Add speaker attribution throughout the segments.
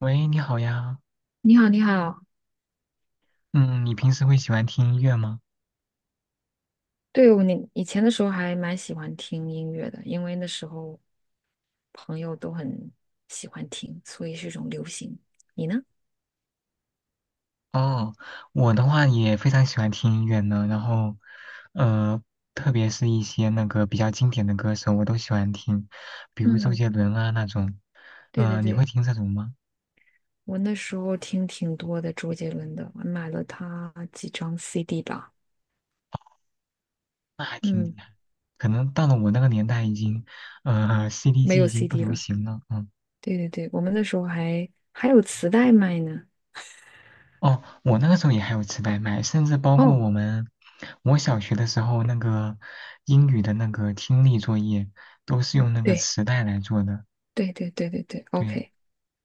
Speaker 1: 喂，你好呀。
Speaker 2: 你好，你好。
Speaker 1: 嗯，你平时会喜欢听音乐吗？
Speaker 2: 我以前的时候还蛮喜欢听音乐的，因为那时候朋友都很喜欢听，所以是一种流行。你呢？
Speaker 1: 哦，我的话也非常喜欢听音乐呢。然后，呃，特别是一些那个比较经典的歌手，我都喜欢听，比如周
Speaker 2: 嗯，
Speaker 1: 杰伦啊那种。
Speaker 2: 对对
Speaker 1: 你会
Speaker 2: 对，
Speaker 1: 听这种吗？
Speaker 2: 我那时候听挺多的周杰伦的，我买了他几张 CD 吧。
Speaker 1: 那还挺厉
Speaker 2: 嗯，
Speaker 1: 害。可能到了我那个年代，已经，CD
Speaker 2: 没
Speaker 1: 机
Speaker 2: 有
Speaker 1: 已经不
Speaker 2: CD
Speaker 1: 流
Speaker 2: 了。
Speaker 1: 行了。嗯。
Speaker 2: 对对对，我们那时候还有磁带卖呢。
Speaker 1: 哦，我那个时候也还有磁带卖，甚至包括
Speaker 2: 哦，
Speaker 1: 我们，我小学的时候那个英语的那个听力作业都是用那个
Speaker 2: 对
Speaker 1: 磁带来做的，
Speaker 2: 对对对对对
Speaker 1: 对。
Speaker 2: ，OK，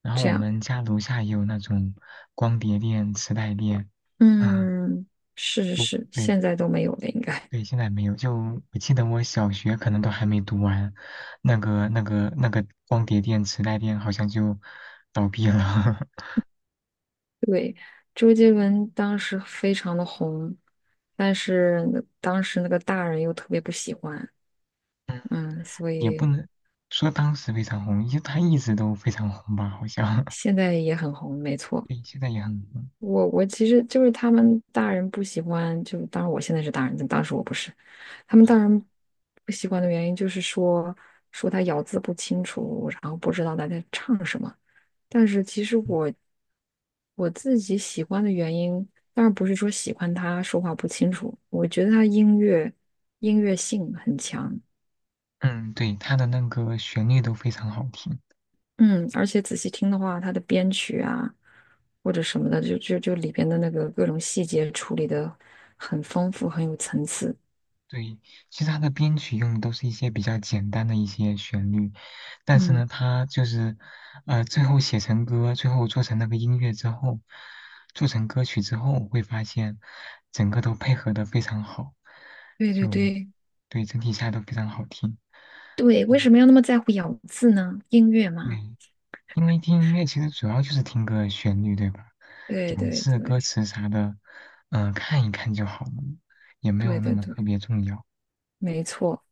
Speaker 1: 然后
Speaker 2: 这
Speaker 1: 我
Speaker 2: 样。
Speaker 1: 们家楼下也有那种光碟店、磁带店，啊，
Speaker 2: 嗯，是是
Speaker 1: 不
Speaker 2: 是，
Speaker 1: 对
Speaker 2: 现在都没有了，应该。
Speaker 1: 对，现在没有。就我记得我小学可能都还没读完，那个光碟店、磁带店好像就倒闭了，
Speaker 2: 对，周杰伦当时非常的红，但是当时那个大人又特别不喜欢，嗯，所
Speaker 1: 也不
Speaker 2: 以
Speaker 1: 能说当时非常红，因为它一直都非常红吧，好像。
Speaker 2: 现在也很红，没错。
Speaker 1: 对，现在也很多
Speaker 2: 我其实就是他们大人不喜欢，就当然我现在是大人，但当时我不是。他们大人不喜欢的原因就是说他咬字不清楚，然后不知道他在唱什么。但是其实
Speaker 1: 嗯
Speaker 2: 我自己喜欢的原因，当然不是说喜欢他说话不清楚，我觉得他音乐性很强。
Speaker 1: 嗯，嗯对，它的那个旋律都非常好听。
Speaker 2: 嗯，而且仔细听的话，他的编曲啊或者什么的，就里边的那个各种细节处理的很丰富，很有层次。
Speaker 1: 对，其实它的编曲用的都是一些比较简单的一些旋律，但是呢，
Speaker 2: 嗯，
Speaker 1: 它就是最后写成歌，最后做成那个音乐之后，做成歌曲之后，会发现整个都配合的非常好，
Speaker 2: 对对
Speaker 1: 就
Speaker 2: 对
Speaker 1: 对，整体下来都非常好听。
Speaker 2: 对，为
Speaker 1: 嗯，
Speaker 2: 什么要那么在乎咬字呢？音乐嘛，
Speaker 1: 对，因为听音乐其实主要就是听个旋律，对吧？
Speaker 2: 对
Speaker 1: 咬
Speaker 2: 对
Speaker 1: 字、歌
Speaker 2: 对
Speaker 1: 词啥的，嗯、看一看就好了，也没有
Speaker 2: 对
Speaker 1: 那
Speaker 2: 对
Speaker 1: 么
Speaker 2: 对，
Speaker 1: 特别重要。
Speaker 2: 没错。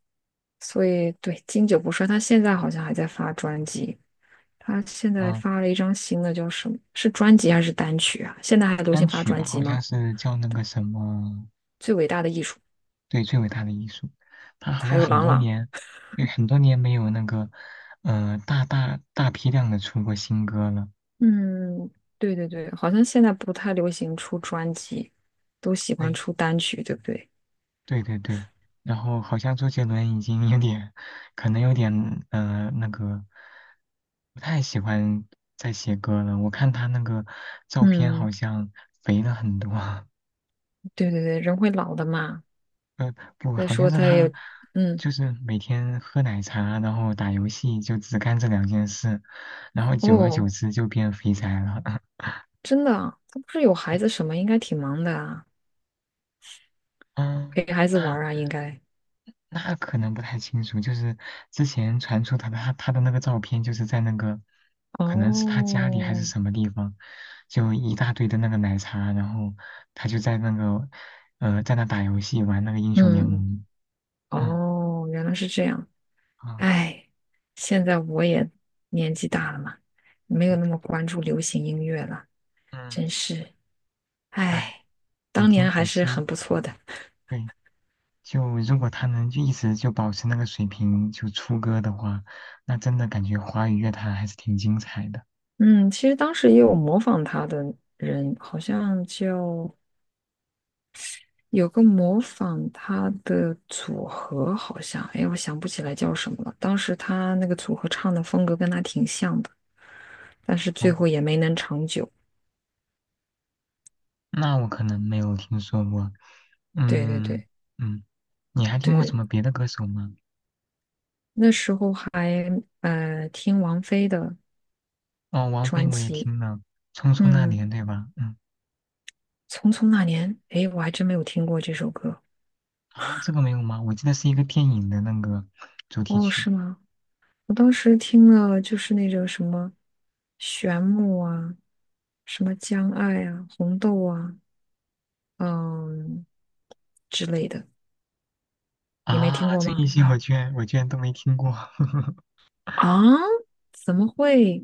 Speaker 2: 所以对，经久不衰，他现在好像还在发专辑。他现在
Speaker 1: 嗯、
Speaker 2: 发了一张新的，叫什么？是专辑还是单曲啊？现在还流行
Speaker 1: 单
Speaker 2: 发
Speaker 1: 曲
Speaker 2: 专
Speaker 1: 吧，
Speaker 2: 辑
Speaker 1: 好像
Speaker 2: 吗？
Speaker 1: 是叫那个什么，
Speaker 2: 最伟大的艺术，
Speaker 1: 对，最伟大的艺术，他好
Speaker 2: 还
Speaker 1: 像
Speaker 2: 有
Speaker 1: 很
Speaker 2: 郎
Speaker 1: 多
Speaker 2: 朗。
Speaker 1: 年，对，很多年没有那个，呃，大批量的出过新歌了。
Speaker 2: 嗯，对对对，好像现在不太流行出专辑，都喜欢
Speaker 1: 对。
Speaker 2: 出单曲，对不对？
Speaker 1: 对对对，然后好像周杰伦已经有点，可能有点那个，不太喜欢在写歌了。我看他那个照片好
Speaker 2: 嗯，
Speaker 1: 像肥了很多，
Speaker 2: 对对对，人会老的嘛。
Speaker 1: 呃不，
Speaker 2: 再
Speaker 1: 好像
Speaker 2: 说
Speaker 1: 是
Speaker 2: 他
Speaker 1: 他
Speaker 2: 也，嗯，
Speaker 1: 就是每天喝奶茶，然后打游戏，就只干这两件事，然后久而久
Speaker 2: 哦，
Speaker 1: 之就变肥宅了。
Speaker 2: 真的啊？他不是有孩子什么，应该挺忙的啊，
Speaker 1: 嗯，
Speaker 2: 陪孩子玩
Speaker 1: 那
Speaker 2: 儿啊，应该。
Speaker 1: 那可能不太清楚，就是之前传出他的他的那个照片，就是在那个，可能是他家里还是
Speaker 2: 哦，
Speaker 1: 什么地方，就一大堆的那个奶茶，然后他就在那个，在那打游戏玩那个英雄联
Speaker 2: 嗯，
Speaker 1: 盟，嗯
Speaker 2: 哦，原来是这样。
Speaker 1: 嗯
Speaker 2: 哎，现在我也年纪大了嘛，没有
Speaker 1: 嗯
Speaker 2: 那么关注流行音乐了，
Speaker 1: 嗯，
Speaker 2: 真是，哎，
Speaker 1: 哎，也
Speaker 2: 当
Speaker 1: 挺
Speaker 2: 年
Speaker 1: 可
Speaker 2: 还是
Speaker 1: 惜，
Speaker 2: 很不错的。
Speaker 1: 对，就如果他能就一直就保持那个水平就出歌的话，那真的感觉华语乐坛还是挺精彩的，
Speaker 2: 嗯，其实当时也有模仿他的人，好像就有个模仿他的组合，好像，哎，我想不起来叫什么了。当时他那个组合唱的风格跟他挺像的，但是最
Speaker 1: 哦，
Speaker 2: 后也没能长久。
Speaker 1: 那我可能没有听说过，
Speaker 2: 对对
Speaker 1: 嗯。
Speaker 2: 对
Speaker 1: 嗯，你还听
Speaker 2: 对
Speaker 1: 过什
Speaker 2: 对，
Speaker 1: 么别的歌手吗？
Speaker 2: 那时候还听王菲的
Speaker 1: 哦，王菲
Speaker 2: 专
Speaker 1: 我也
Speaker 2: 辑。
Speaker 1: 听了，《匆匆那
Speaker 2: 嗯，
Speaker 1: 年》对吧？嗯，
Speaker 2: 《匆匆那年》，诶，我还真没有听过这首歌。
Speaker 1: 啊，这个没有吗？我记得是一个电影的那个主题
Speaker 2: 哦，
Speaker 1: 曲
Speaker 2: 是吗？我当时听了就是那种什么《旋木》啊，什么《将爱》啊，《红豆》啊，嗯之类的。你没听
Speaker 1: 啊，
Speaker 2: 过
Speaker 1: 这一
Speaker 2: 吗？
Speaker 1: 些我居然都没听过，
Speaker 2: 啊？怎么会？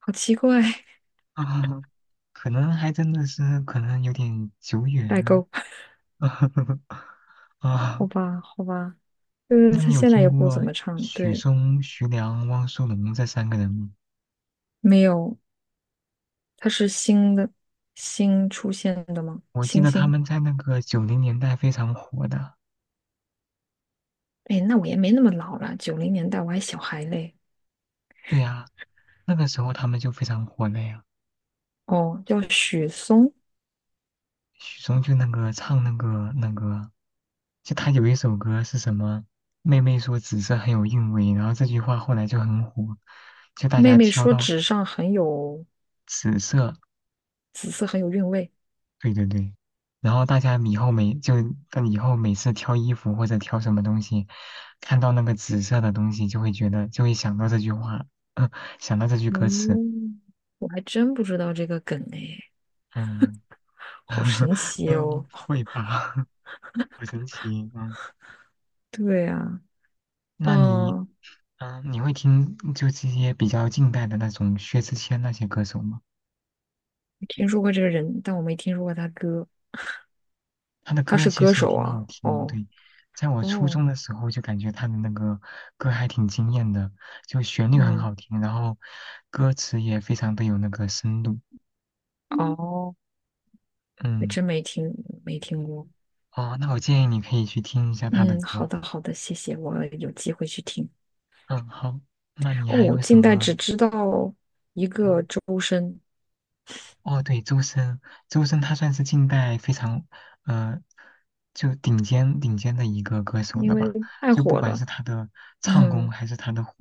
Speaker 2: 好奇怪。
Speaker 1: 啊，可能还真的是可能有点久
Speaker 2: 代
Speaker 1: 远
Speaker 2: 沟。
Speaker 1: 啊。
Speaker 2: 好吧，好吧，就是
Speaker 1: 那
Speaker 2: 他
Speaker 1: 你有
Speaker 2: 现在
Speaker 1: 听
Speaker 2: 也不怎
Speaker 1: 过
Speaker 2: 么唱。
Speaker 1: 许
Speaker 2: 对，
Speaker 1: 嵩、徐良、汪苏泷这三个人吗？
Speaker 2: 没有，他是新的，新出现的吗？
Speaker 1: 我记
Speaker 2: 新
Speaker 1: 得他
Speaker 2: 星。
Speaker 1: 们在那个90年代非常火的，
Speaker 2: 哎，那我也没那么老了，90年代我还小孩嘞。
Speaker 1: 对呀、那个时候他们就非常火了呀。
Speaker 2: 哦，叫许嵩，
Speaker 1: 许嵩就那个唱那个，就他有一首歌是什么？妹妹说紫色很有韵味，然后这句话后来就很火，就大
Speaker 2: 妹
Speaker 1: 家
Speaker 2: 妹
Speaker 1: 挑
Speaker 2: 说
Speaker 1: 到
Speaker 2: 纸上很有
Speaker 1: 紫色，
Speaker 2: 紫色，很有韵味。
Speaker 1: 对对对，然后大家以后每就以后每次挑衣服或者挑什么东西，看到那个紫色的东西就会想到这句话，嗯想到这句歌词，
Speaker 2: 哦，我还真不知道这个梗哎，
Speaker 1: 嗯
Speaker 2: 好神 奇哦。
Speaker 1: 嗯，会吧，好神奇，嗯。
Speaker 2: 对呀。
Speaker 1: 那你
Speaker 2: 嗯，
Speaker 1: 嗯，你会听就这些比较近代的那种薛之谦那些歌手吗？
Speaker 2: 听说过这个人，但我没听说过他歌。
Speaker 1: 他的
Speaker 2: 他
Speaker 1: 歌
Speaker 2: 是
Speaker 1: 其
Speaker 2: 歌
Speaker 1: 实也
Speaker 2: 手
Speaker 1: 挺好
Speaker 2: 啊？
Speaker 1: 听，
Speaker 2: 哦
Speaker 1: 对，在我初
Speaker 2: 哦，
Speaker 1: 中的时候就感觉他的那个歌还挺惊艳的，就旋律很
Speaker 2: 嗯
Speaker 1: 好听，然后歌词也非常的有那个深度。
Speaker 2: 嗯哦，还
Speaker 1: 嗯，
Speaker 2: 真没听过。
Speaker 1: 哦，那我建议你可以去听一下他的
Speaker 2: 嗯，好
Speaker 1: 歌。
Speaker 2: 的好的，谢谢，我有机会去听。
Speaker 1: 嗯，好，那你还
Speaker 2: 哦，
Speaker 1: 有什
Speaker 2: 近代只
Speaker 1: 么？
Speaker 2: 知道一个
Speaker 1: 嗯。
Speaker 2: 周深，
Speaker 1: 哦，对，周深，周深他算是近代非常，呃，就顶尖的一个歌手
Speaker 2: 因
Speaker 1: 了
Speaker 2: 为
Speaker 1: 吧？
Speaker 2: 太
Speaker 1: 就不
Speaker 2: 火
Speaker 1: 管
Speaker 2: 了。
Speaker 1: 是他的唱功
Speaker 2: 嗯
Speaker 1: 还是他的火，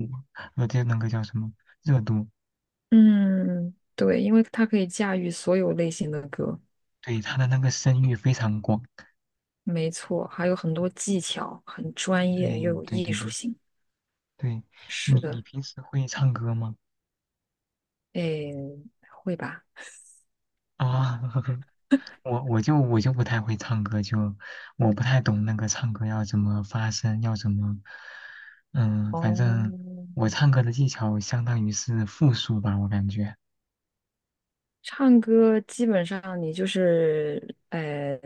Speaker 1: 呃，就那个叫什么热度，
Speaker 2: 嗯，对，因为它可以驾驭所有类型的歌，
Speaker 1: 对，他的那个声誉非常广。
Speaker 2: 没错，还有很多技巧，很专
Speaker 1: 对
Speaker 2: 业又有
Speaker 1: 对
Speaker 2: 艺
Speaker 1: 对
Speaker 2: 术
Speaker 1: 对
Speaker 2: 性。
Speaker 1: 对，
Speaker 2: 是
Speaker 1: 你
Speaker 2: 的，
Speaker 1: 平时会唱歌吗？
Speaker 2: 诶，会吧？
Speaker 1: 啊，我就不太会唱歌，就我不太懂那个唱歌要怎么发声，要怎么，嗯，反正
Speaker 2: 哦，
Speaker 1: 我唱歌的技巧相当于是复数吧，我感觉，
Speaker 2: 唱歌基本上你就是，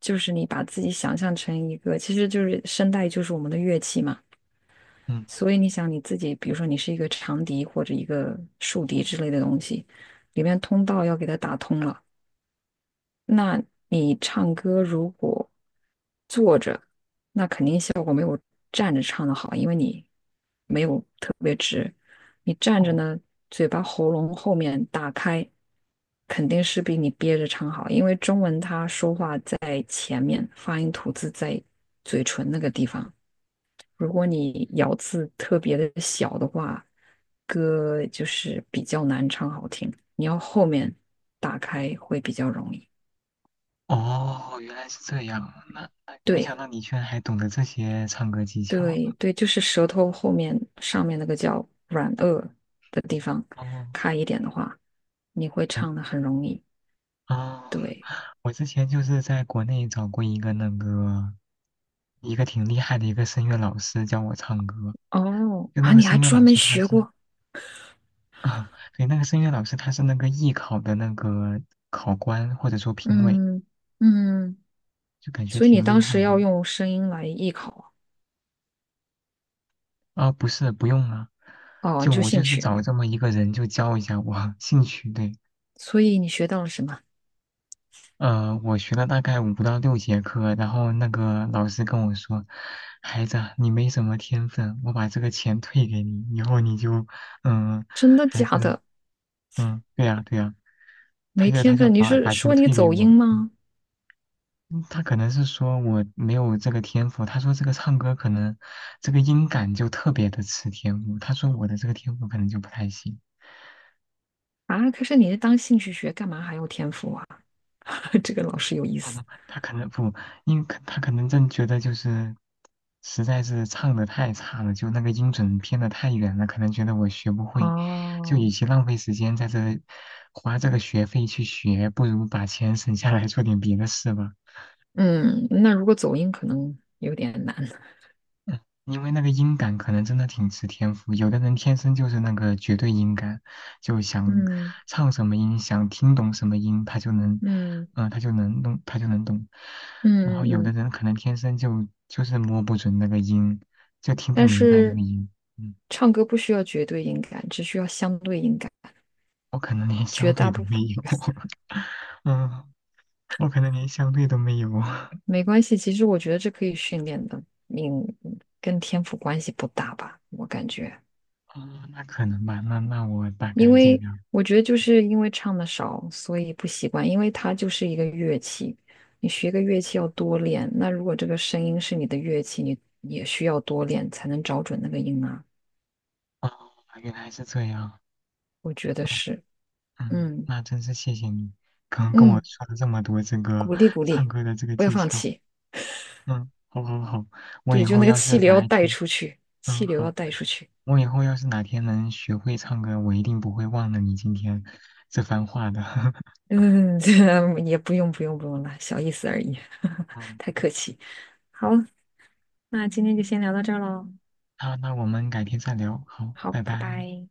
Speaker 2: 就是你把自己想象成一个，其实就是声带就是我们的乐器嘛。
Speaker 1: 嗯，
Speaker 2: 所以你想你自己，比如说你是一个长笛或者一个竖笛之类的东西，里面通道要给它打通了。那你唱歌如果坐着站着唱的好，因为你没有特别直，你站着
Speaker 1: 哦
Speaker 2: 呢，嘴巴喉咙后面打开，肯定是比你憋着唱好，因为中文它说话在发音吐字在嘴唇那个地方，如果你咬字特别的小的话，歌就是比较难唱好听，你要后面打开会比较容易。
Speaker 1: 哦，原来是这样，那没想
Speaker 2: 对。
Speaker 1: 到你居然还懂得这些唱歌技巧，
Speaker 2: 对对，就是舌头后面上面那个叫软腭的地方
Speaker 1: 哦，
Speaker 2: 开一点的话，你会
Speaker 1: 我
Speaker 2: 唱的很容易。
Speaker 1: 哦，
Speaker 2: 对，
Speaker 1: 我之前就是在国内找过一个那个一个挺厉害的一个声乐老师教我唱歌，
Speaker 2: 哦，
Speaker 1: 就那
Speaker 2: 啊，
Speaker 1: 个
Speaker 2: 你还
Speaker 1: 声乐
Speaker 2: 专
Speaker 1: 老
Speaker 2: 门
Speaker 1: 师他
Speaker 2: 学
Speaker 1: 是。
Speaker 2: 过，
Speaker 1: 啊，对，那个声乐老师他是那个艺考的那个考官或者说评委，
Speaker 2: 嗯嗯，
Speaker 1: 就感觉
Speaker 2: 所以你
Speaker 1: 挺厉
Speaker 2: 当时
Speaker 1: 害的。
Speaker 2: 要用声音来艺考
Speaker 1: 啊，不是，不用啊，
Speaker 2: 啊，哦，你
Speaker 1: 就
Speaker 2: 就
Speaker 1: 我
Speaker 2: 兴
Speaker 1: 就是
Speaker 2: 趣，
Speaker 1: 找这么一个人就教一下我 兴趣。对，
Speaker 2: 所以你学到了什么？
Speaker 1: 呃，我学了大概5到6节课，然后那个老师跟我说，孩子啊你没什么天分，我把这个钱退给你，以后你就，嗯，
Speaker 2: 真的
Speaker 1: 还
Speaker 2: 假
Speaker 1: 是，
Speaker 2: 的？
Speaker 1: 嗯，对呀，对呀，他
Speaker 2: 没
Speaker 1: 就他
Speaker 2: 天
Speaker 1: 就
Speaker 2: 分？你
Speaker 1: 把
Speaker 2: 是
Speaker 1: 把钱
Speaker 2: 说你
Speaker 1: 退给
Speaker 2: 走音
Speaker 1: 我，
Speaker 2: 吗？
Speaker 1: 嗯他可能是说我没有这个天赋，他说这个唱歌可能这个音感就特别的吃天赋，他说我的这个天赋可能就不太行，
Speaker 2: 啊，可是你是当兴趣学，干嘛还要天赋啊？这个老师有意思。
Speaker 1: 嗯他可能不，他可能真觉得就是实在是唱的太差了，就那个音准偏的太远了，可能觉得我学不会，就
Speaker 2: 哦，
Speaker 1: 与其浪费时间在这花这个学费去学，不如把钱省下来做点别的事吧。
Speaker 2: 嗯，那如果走音可能有点难。
Speaker 1: 因为那个音感可能真的挺吃天赋，有的人天生就是那个绝对音感，就想
Speaker 2: 嗯
Speaker 1: 唱什么音，想听懂什么音，他就能，
Speaker 2: 嗯
Speaker 1: 嗯、他就能懂。然后
Speaker 2: 嗯嗯
Speaker 1: 有的
Speaker 2: 嗯，
Speaker 1: 人可能天生就是摸不准那个音，就听不
Speaker 2: 但
Speaker 1: 明白那
Speaker 2: 是
Speaker 1: 个音。嗯，
Speaker 2: 唱歌不需要绝对音感，只需要相对音感，
Speaker 1: 我可能连
Speaker 2: 绝
Speaker 1: 相对
Speaker 2: 大
Speaker 1: 都
Speaker 2: 部
Speaker 1: 没
Speaker 2: 分
Speaker 1: 有，嗯，我可能连相对都没有。
Speaker 2: 没关系。其实我觉得这可以训练的，你跟天赋关系不大吧？我感觉，
Speaker 1: 哦，那可能吧，那我大
Speaker 2: 因
Speaker 1: 概尽
Speaker 2: 为
Speaker 1: 量。
Speaker 2: 我觉得就是因为唱的少，所以不习惯，因为它就是一个乐器，你学个乐器要多练。那如果这个声音是你的乐器，你也需要多练才能找准那个音啊。
Speaker 1: 哦，原来是这样。
Speaker 2: 我觉得
Speaker 1: 哦，
Speaker 2: 是，
Speaker 1: 嗯，
Speaker 2: 嗯
Speaker 1: 那真是谢谢你，刚跟我
Speaker 2: 嗯，
Speaker 1: 说了这么多这个
Speaker 2: 鼓励鼓
Speaker 1: 唱
Speaker 2: 励，
Speaker 1: 歌的这个
Speaker 2: 不要
Speaker 1: 技
Speaker 2: 放
Speaker 1: 巧。
Speaker 2: 弃。
Speaker 1: 嗯，好好好，我
Speaker 2: 对，
Speaker 1: 以
Speaker 2: 就
Speaker 1: 后
Speaker 2: 那个
Speaker 1: 要
Speaker 2: 气
Speaker 1: 是
Speaker 2: 流要
Speaker 1: 哪一
Speaker 2: 带
Speaker 1: 天，
Speaker 2: 出去，
Speaker 1: 嗯
Speaker 2: 气流
Speaker 1: 好，
Speaker 2: 要带出去。
Speaker 1: 我以后要是哪天能学会唱歌，我一定不会忘了你今天这番话的。
Speaker 2: 嗯，这也不用了，小意思而已，
Speaker 1: 嗯，
Speaker 2: 太客气。好，那今天就先聊到这儿喽。
Speaker 1: 那我们改天再聊，好，
Speaker 2: 好，
Speaker 1: 拜
Speaker 2: 拜
Speaker 1: 拜。
Speaker 2: 拜。